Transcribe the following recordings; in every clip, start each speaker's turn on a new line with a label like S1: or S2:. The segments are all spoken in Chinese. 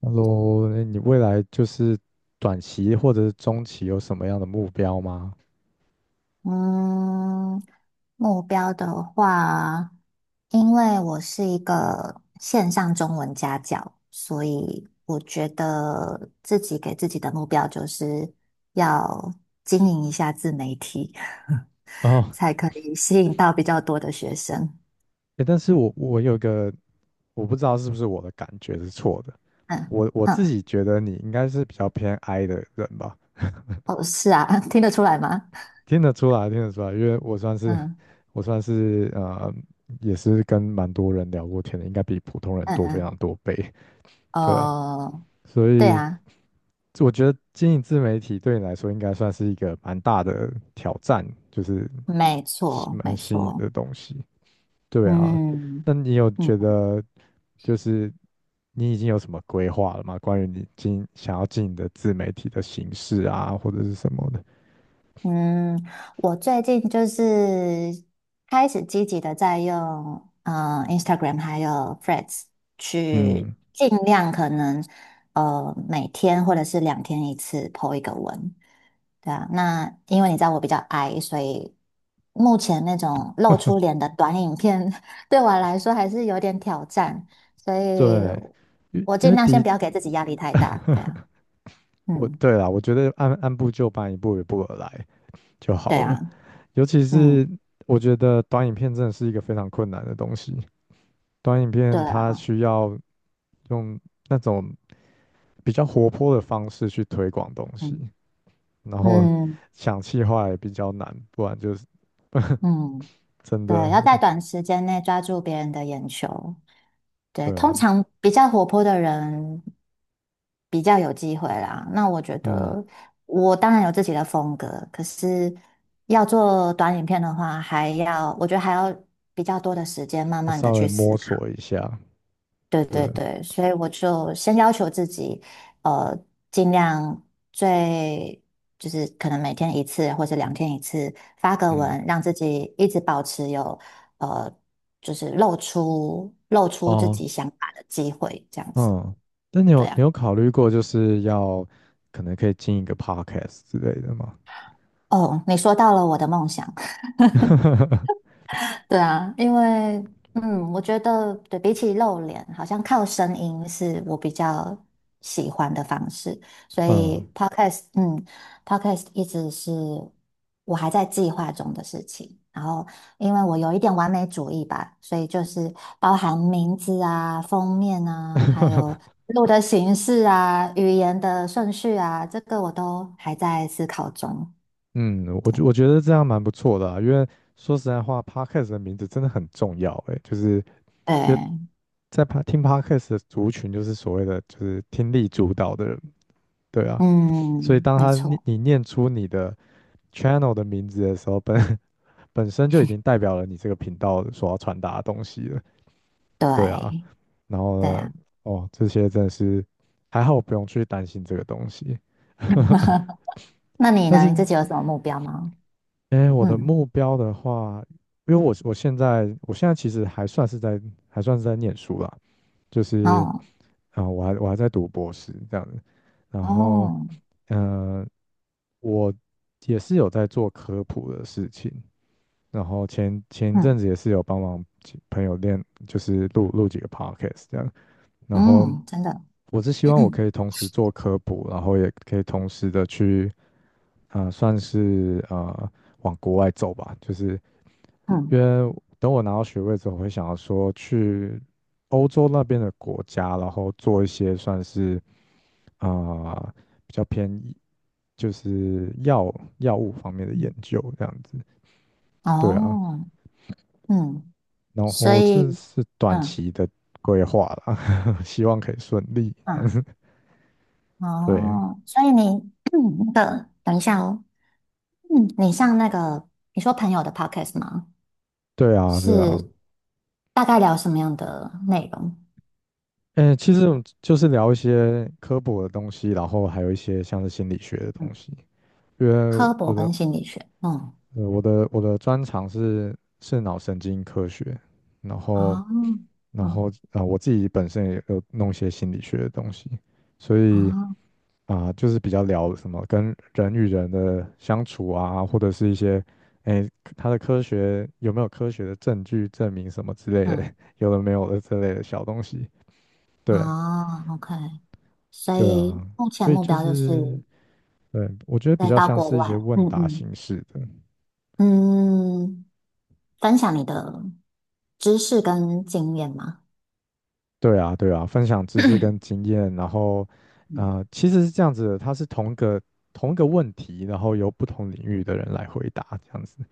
S1: h e l 你未来就是短期或者是中期有什么样的目标吗？
S2: 嗯，目标的话，因为我是一个线上中文家教，所以我觉得自己给自己的目标就是要经营一下自媒体，
S1: 哦，
S2: 才可以吸引到比较多的学生。
S1: 哎，但是我有一个，我不知道是不是我的感觉是错的，
S2: 嗯
S1: 我自
S2: 嗯，
S1: 己觉得你应该是比较偏 I 的人吧，
S2: 哦，是啊，听得出来吗？
S1: 听得出来，听得出来，因为我算是
S2: 嗯
S1: 我算是也是跟蛮多人聊过天的，应该比普通人
S2: 嗯
S1: 多非
S2: 嗯，
S1: 常多倍，对啊，
S2: 哦，
S1: 所
S2: 对
S1: 以
S2: 啊，
S1: 我觉得经营自媒体对你来说应该算是一个蛮大的挑战，就是
S2: 没
S1: 是
S2: 错
S1: 蛮
S2: 没
S1: 新颖
S2: 错，
S1: 的东西。对啊，
S2: 嗯
S1: 那你有
S2: 嗯。
S1: 觉得就是你已经有什么规划了吗？关于你经想要进你的自媒体的形式啊，或者是什么的？
S2: 嗯，我最近就是开始积极的在用Instagram 还有 Threads 去
S1: 嗯，
S2: 尽量可能每天或者是两天一次 po 一个文，对啊。那因为你知道我比较矮，所以目前那种露出 脸的短影片 对我来说还是有点挑战，所以
S1: 对，因
S2: 我
S1: 因
S2: 尽
S1: 为
S2: 量
S1: 第
S2: 先
S1: 一，
S2: 不要给自己压力太大，对啊，
S1: 我
S2: 嗯，
S1: 对啦，我觉得按部就班，一步一步而来就
S2: 对
S1: 好
S2: 啊，
S1: 了。尤其
S2: 嗯，
S1: 是我觉得短影片真的是一个非常困难的东西，短影
S2: 对
S1: 片它
S2: 啊，
S1: 需要用那种比较活泼的方式去推广东西，
S2: 嗯。
S1: 然后
S2: 嗯，
S1: 想气话也比较难，不然就是
S2: 嗯，
S1: 真
S2: 对，
S1: 的
S2: 要在
S1: 我
S2: 短时间内抓住别人的眼球。对，
S1: 对
S2: 通
S1: 啊，
S2: 常比较活泼的人比较有机会啦。那我觉
S1: 嗯，
S2: 得我当然有自己的风格，可是要做短影片的话，我觉得还要比较多的时间，慢慢的
S1: 稍
S2: 去
S1: 微摸
S2: 思
S1: 索一下，
S2: 对
S1: 对，
S2: 对对，所以我就先要求自己，呃，尽量最就是可能每天一次或者两天一次发个
S1: 嗯，
S2: 文，让自己一直保持有呃，就是露出自
S1: 哦，
S2: 己想法的机会，这样子。
S1: 嗯，那你
S2: 对
S1: 有你
S2: 啊。
S1: 有考虑过就是要可能可以进一个 podcast 之类的吗？
S2: 哦，你说到了我的梦想，对啊，因为我觉得对比起露脸，好像靠声音是我比较喜欢的方式，所
S1: 嗯
S2: 以 podcast 一直是我还在计划中的事情。然后，因为我有一点完美主义吧，所以就是包含名字啊、封面啊，还有录的形式啊、语言的顺序啊，这个我都还在思考中。
S1: 嗯，我觉得这样蛮不错的啊，因为说实在话，podcast 的名字真的很重要诶，就是因为
S2: 对，
S1: 在 听 podcast 的族群就是所谓的就是听力主导的人，对啊，所以
S2: 嗯，
S1: 当
S2: 没
S1: 他你
S2: 错，
S1: 你念出你的 channel 的名字的时候，本身就已经代表了你这个频道所要传达的东西了。对啊，
S2: 对。
S1: 然后
S2: 对
S1: 呢，
S2: 啊。
S1: 哦，这些真的是还好，我不用去担心这个东西。
S2: 那你
S1: 但
S2: 呢？
S1: 是，
S2: 你自己有什么目标吗？
S1: 哎，我的
S2: 嗯，
S1: 目标的话，因为我现在其实还算是在念书啦，就是
S2: 哦，
S1: 我还我还在读博士这样子，然后
S2: 哦，
S1: 嗯、呃我也是有在做科普的事情，然后前一
S2: 嗯
S1: 阵子也是有帮忙几朋友练，就是录几个 podcast 这样，然后
S2: 嗯，真的，
S1: 我是希望我可以 同时做科普，然后也可以同时的去算是往国外走吧，就是
S2: 嗯
S1: 因为等我拿到学位之后，我会想要说去欧洲那边的国家，然后做一些算是啊、呃比较偏医就是药物方面的研
S2: 嗯，
S1: 究这样子。对啊，
S2: 哦，嗯，
S1: 然
S2: 所
S1: 后这
S2: 以，
S1: 是短
S2: 嗯
S1: 期的规划啦，希望可以顺利。
S2: 嗯，
S1: 对，
S2: 哦，所以你 那个，等一下哦，嗯，你上那个，你说朋友的 podcast 吗？
S1: 对啊，对啊。
S2: 是大概聊什么样的内容？
S1: 嗯，其实就是聊一些科普的东西，然后还有一些像是心理学的东
S2: 嗯，
S1: 西。因为
S2: 科
S1: 我
S2: 博
S1: 的
S2: 跟心理学，嗯，
S1: 我的专长是脑神经科学，然
S2: 哦，
S1: 后
S2: 哦，
S1: 啊，我自己本身也有弄一些心理学的东西，所以
S2: 哦，
S1: 就是比较聊什么跟人与人的相处啊，或者是一些哎它的科学有没有科学的证据证明什么之类的，
S2: 嗯，
S1: 有的没有的之类的小东西。对
S2: 哦，OK。所
S1: 对
S2: 以
S1: 啊，
S2: 目前
S1: 所以
S2: 目
S1: 就
S2: 标就
S1: 是
S2: 是
S1: 对，我觉得比
S2: 再
S1: 较
S2: 到
S1: 像
S2: 国
S1: 是一
S2: 外，
S1: 些问
S2: 嗯
S1: 答
S2: 嗯
S1: 形式的。
S2: 嗯，分享你的知识跟经验嘛，
S1: 对啊，对啊，分享知识跟经验，然后，
S2: 嗯
S1: 其实是这样子的，它是同一个问题，然后由不同领域的人来回答，这样子。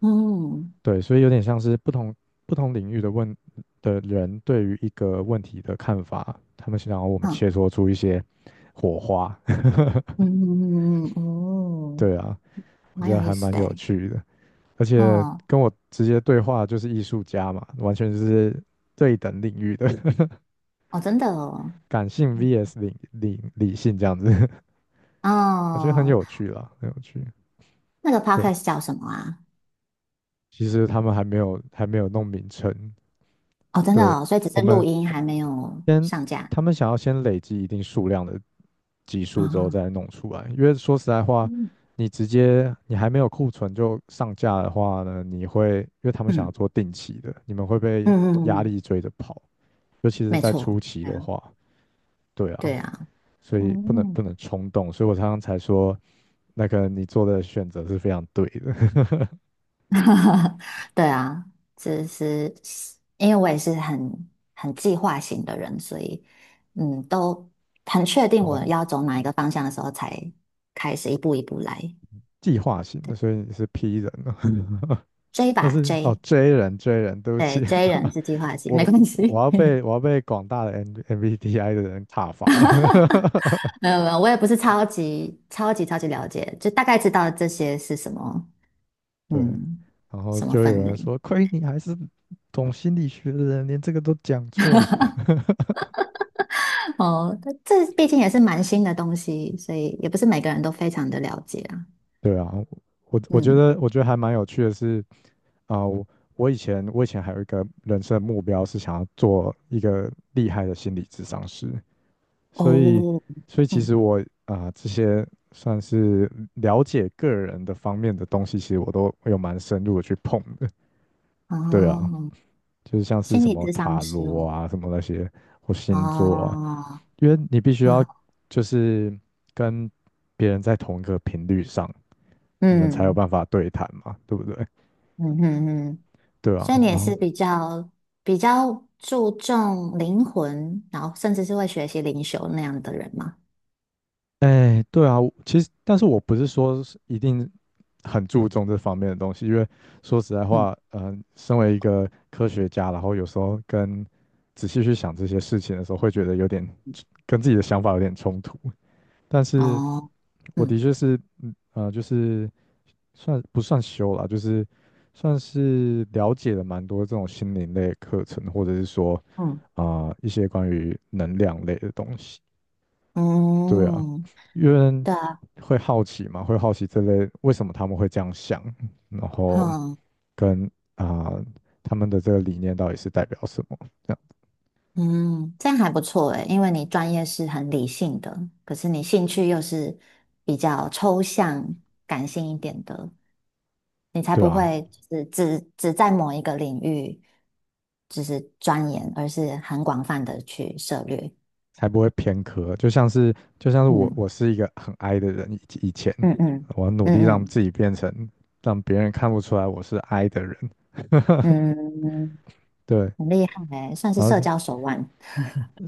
S2: 嗯
S1: 对，所以有点像是不同领域的问的人对于一个问题的看法，他们想要我们
S2: 嗯
S1: 切磋出一些火花。
S2: 嗯嗯嗯，嗯哦
S1: 对啊，我
S2: 蛮
S1: 觉
S2: 有
S1: 得
S2: 意
S1: 还
S2: 思
S1: 蛮
S2: 的
S1: 有
S2: 诶，
S1: 趣的，而且
S2: 哦
S1: 跟我直接对话就是艺术家嘛，完全是对等领域的
S2: 哦，真的哦，
S1: 感性 VS 理性这样子。我觉得很
S2: 哦，
S1: 有趣啦，很有趣。
S2: 那个
S1: 对，
S2: podcast 叫什么啊？
S1: 其实他们还没有弄名称，
S2: 哦，真的
S1: 对
S2: 哦，所以只
S1: 我
S2: 是
S1: 们
S2: 录音还没有
S1: 先，
S2: 上架
S1: 他们想要先累积一定数量的集数之后
S2: 啊，
S1: 再弄出来，因为说实在话，
S2: 嗯
S1: 你直接你还没有库存就上架的话呢，你会因为他们想要
S2: 嗯
S1: 做定期的，你们会
S2: 嗯
S1: 被
S2: 嗯，嗯嗯
S1: 压
S2: 嗯
S1: 力追着跑，尤其是
S2: 没
S1: 在
S2: 错，
S1: 初期
S2: 对啊
S1: 的话，对啊，
S2: 对啊，
S1: 所
S2: 嗯。
S1: 以不能
S2: 嗯嗯
S1: 不能冲动，所以我常常才说，那个你做的选择是非常对的。
S2: 对啊，只是因为我也是很计划型的人，所以嗯，都很确 定我
S1: 好，
S2: 要走哪一个方向的时候，才开始一步一步来。
S1: 计划型的，所以你是 P 人了。
S2: 追
S1: 但
S2: 吧
S1: 是哦
S2: 追
S1: 追人追人，对不起，
S2: 对追 人是计划型，没
S1: 我
S2: 关
S1: 我要
S2: 系。
S1: 被我要被广大的 MBTI 的人挞伐了。
S2: 没有没有，我也不是超级超级超级了解，就大概知道这些是什么，
S1: 对，
S2: 嗯，
S1: 然后
S2: 什么
S1: 就有
S2: 分
S1: 人
S2: 类。
S1: 说，亏你还是懂心理学的人，连这个都讲错。
S2: 哦，这毕竟也是蛮新的东西，所以也不是每个人都非常的了解啊。
S1: 对啊，我我觉
S2: 嗯。
S1: 得我觉得还蛮有趣的是啊、呃我我以前还有一个人生目标是想要做一个厉害的心理咨商师，所以，
S2: 哦，
S1: 所以其实
S2: 嗯，
S1: 我这些算是了解个人的方面的东西，其实我都有蛮深入的去碰的。对啊，
S2: 哦，
S1: 就是像是
S2: 心
S1: 什
S2: 理
S1: 么
S2: 咨商
S1: 塔
S2: 师
S1: 罗
S2: 哦，
S1: 啊，什么那些或星座啊，
S2: 哦，
S1: 因为你必须
S2: 啊，
S1: 要就是跟别人在同一个频率上，你们才有
S2: 嗯
S1: 办法对谈嘛，对不对？
S2: 嗯嗯嗯，
S1: 对啊，
S2: 所以你也
S1: 然
S2: 是
S1: 后
S2: 比较注重灵魂，然后甚至是会学习灵修那样的人吗？
S1: 哎，对啊，我其实，但是我不是说是一定很注重这方面的东西，因为说实在
S2: 嗯，
S1: 话，身为一个科学家，然后有时候跟仔细去想这些事情的时候，会觉得有点跟自己的想法有点冲突。但是
S2: 哦，
S1: 我的
S2: 嗯
S1: 确是，就是算不算修啦，就是算是了解了蛮多这种心灵类的课程，或者是说
S2: 嗯
S1: 一些关于能量类的东西。对啊，
S2: 嗯，
S1: 因为
S2: 对啊，
S1: 会好奇嘛，会好奇这类为什么他们会这样想，然后
S2: 哼，
S1: 跟他们的这个理念到底是代表什么，这样
S2: 嗯，这样还不错诶，因为你专业是很理性的，可是你兴趣又是比较抽象、感性一点的。你才
S1: 对
S2: 不
S1: 啊，
S2: 会只在某一个领域就是钻研，而是很广泛的去涉猎。
S1: 才不会偏科。就像是我
S2: 嗯
S1: 我是一个很 I 的人，以前
S2: 嗯嗯
S1: 我努力让
S2: 嗯
S1: 自己变成让别人看不出来我是 I 的人，
S2: 嗯嗯，
S1: 对，
S2: 很厉害欸，算是
S1: 然后
S2: 社
S1: 是
S2: 交手腕。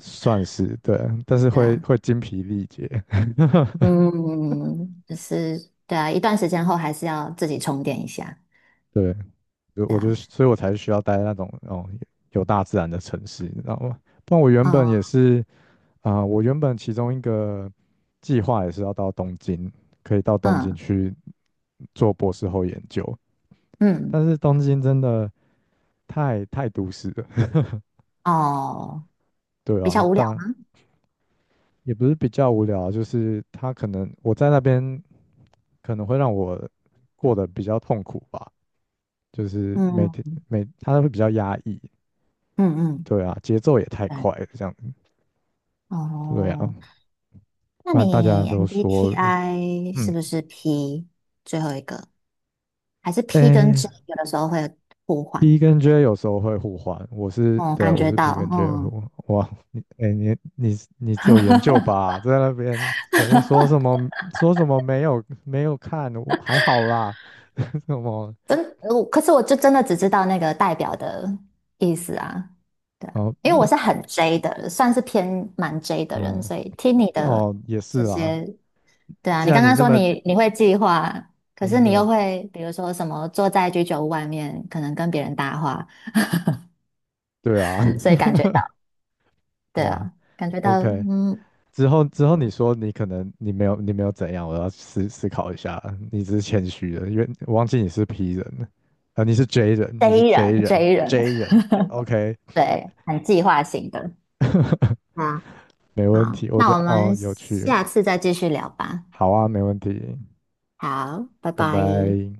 S1: 算是对，但是
S2: 对
S1: 会
S2: 啊，
S1: 会精疲力竭，
S2: 嗯，就是对啊，一段时间后还是要自己充电一下。
S1: 对。就
S2: 对
S1: 我就
S2: 啊，
S1: 是，所以我才需要待在那种哦有大自然的城市，你知道吗？不然我原本也
S2: 哦，
S1: 是我原本其中一个计划也是要到东京，可以到东京
S2: 嗯
S1: 去做博士后研究，
S2: 嗯，
S1: 但是东京真的太都市了，
S2: 哦，
S1: 对
S2: 比较
S1: 啊，
S2: 无聊。
S1: 但也不是比较无聊啊就是它可能我在那边可能会让我过得比较痛苦吧，就是每天
S2: 嗯
S1: 它会比较压抑，
S2: 嗯嗯，
S1: 对啊，节奏也太
S2: 对，
S1: 快了，这样对啊，
S2: 哦，那
S1: 不然大家
S2: 你
S1: 都说，
S2: MBTI 是
S1: 嗯，
S2: 不是 P 最后一个？还是 P 跟
S1: 哎
S2: J 有的时候会互换，
S1: ，P 跟 J 有时候会互换，我是，
S2: 嗯，
S1: 对，
S2: 感
S1: 我
S2: 觉
S1: 是 P
S2: 到，
S1: 跟 J 互
S2: 嗯，
S1: 换。哇，你，哎，你只有研究吧，在那边前面说什么没有看，我还好啦，什么，
S2: 可是我就真的只知道那个代表的意思啊，对啊，
S1: 哦，
S2: 因为
S1: 那，
S2: 我是很 J 的，算是偏蛮 J 的人，
S1: 嗯，
S2: 所以听你的
S1: 哦，也是
S2: 这
S1: 啊，
S2: 些，对啊，
S1: 既
S2: 你
S1: 然
S2: 刚
S1: 你
S2: 刚
S1: 那
S2: 说
S1: 么
S2: 你会计划，可是
S1: 真
S2: 你
S1: 的，
S2: 又会比如说什么坐在居酒屋外面，可能跟别人搭话，
S1: 对啊，
S2: 所以感觉到，对
S1: 哇
S2: 啊，感觉到，
S1: ，OK,
S2: 嗯
S1: 之后你说你可能你没有怎样，我要思考一下。你只是谦虚的，因为我忘记你是 P 人了，你是 J 人，你是
S2: ，J
S1: J
S2: 人
S1: 人
S2: J 人，
S1: ，J 人，OK,
S2: 对，很计划型的。啊。
S1: 没问
S2: 好，
S1: 题。我觉
S2: 那我
S1: 得哦
S2: 们
S1: 有趣，
S2: 下次再继续聊吧。
S1: 好啊，没问题，
S2: 好，拜
S1: 拜
S2: 拜。
S1: 拜。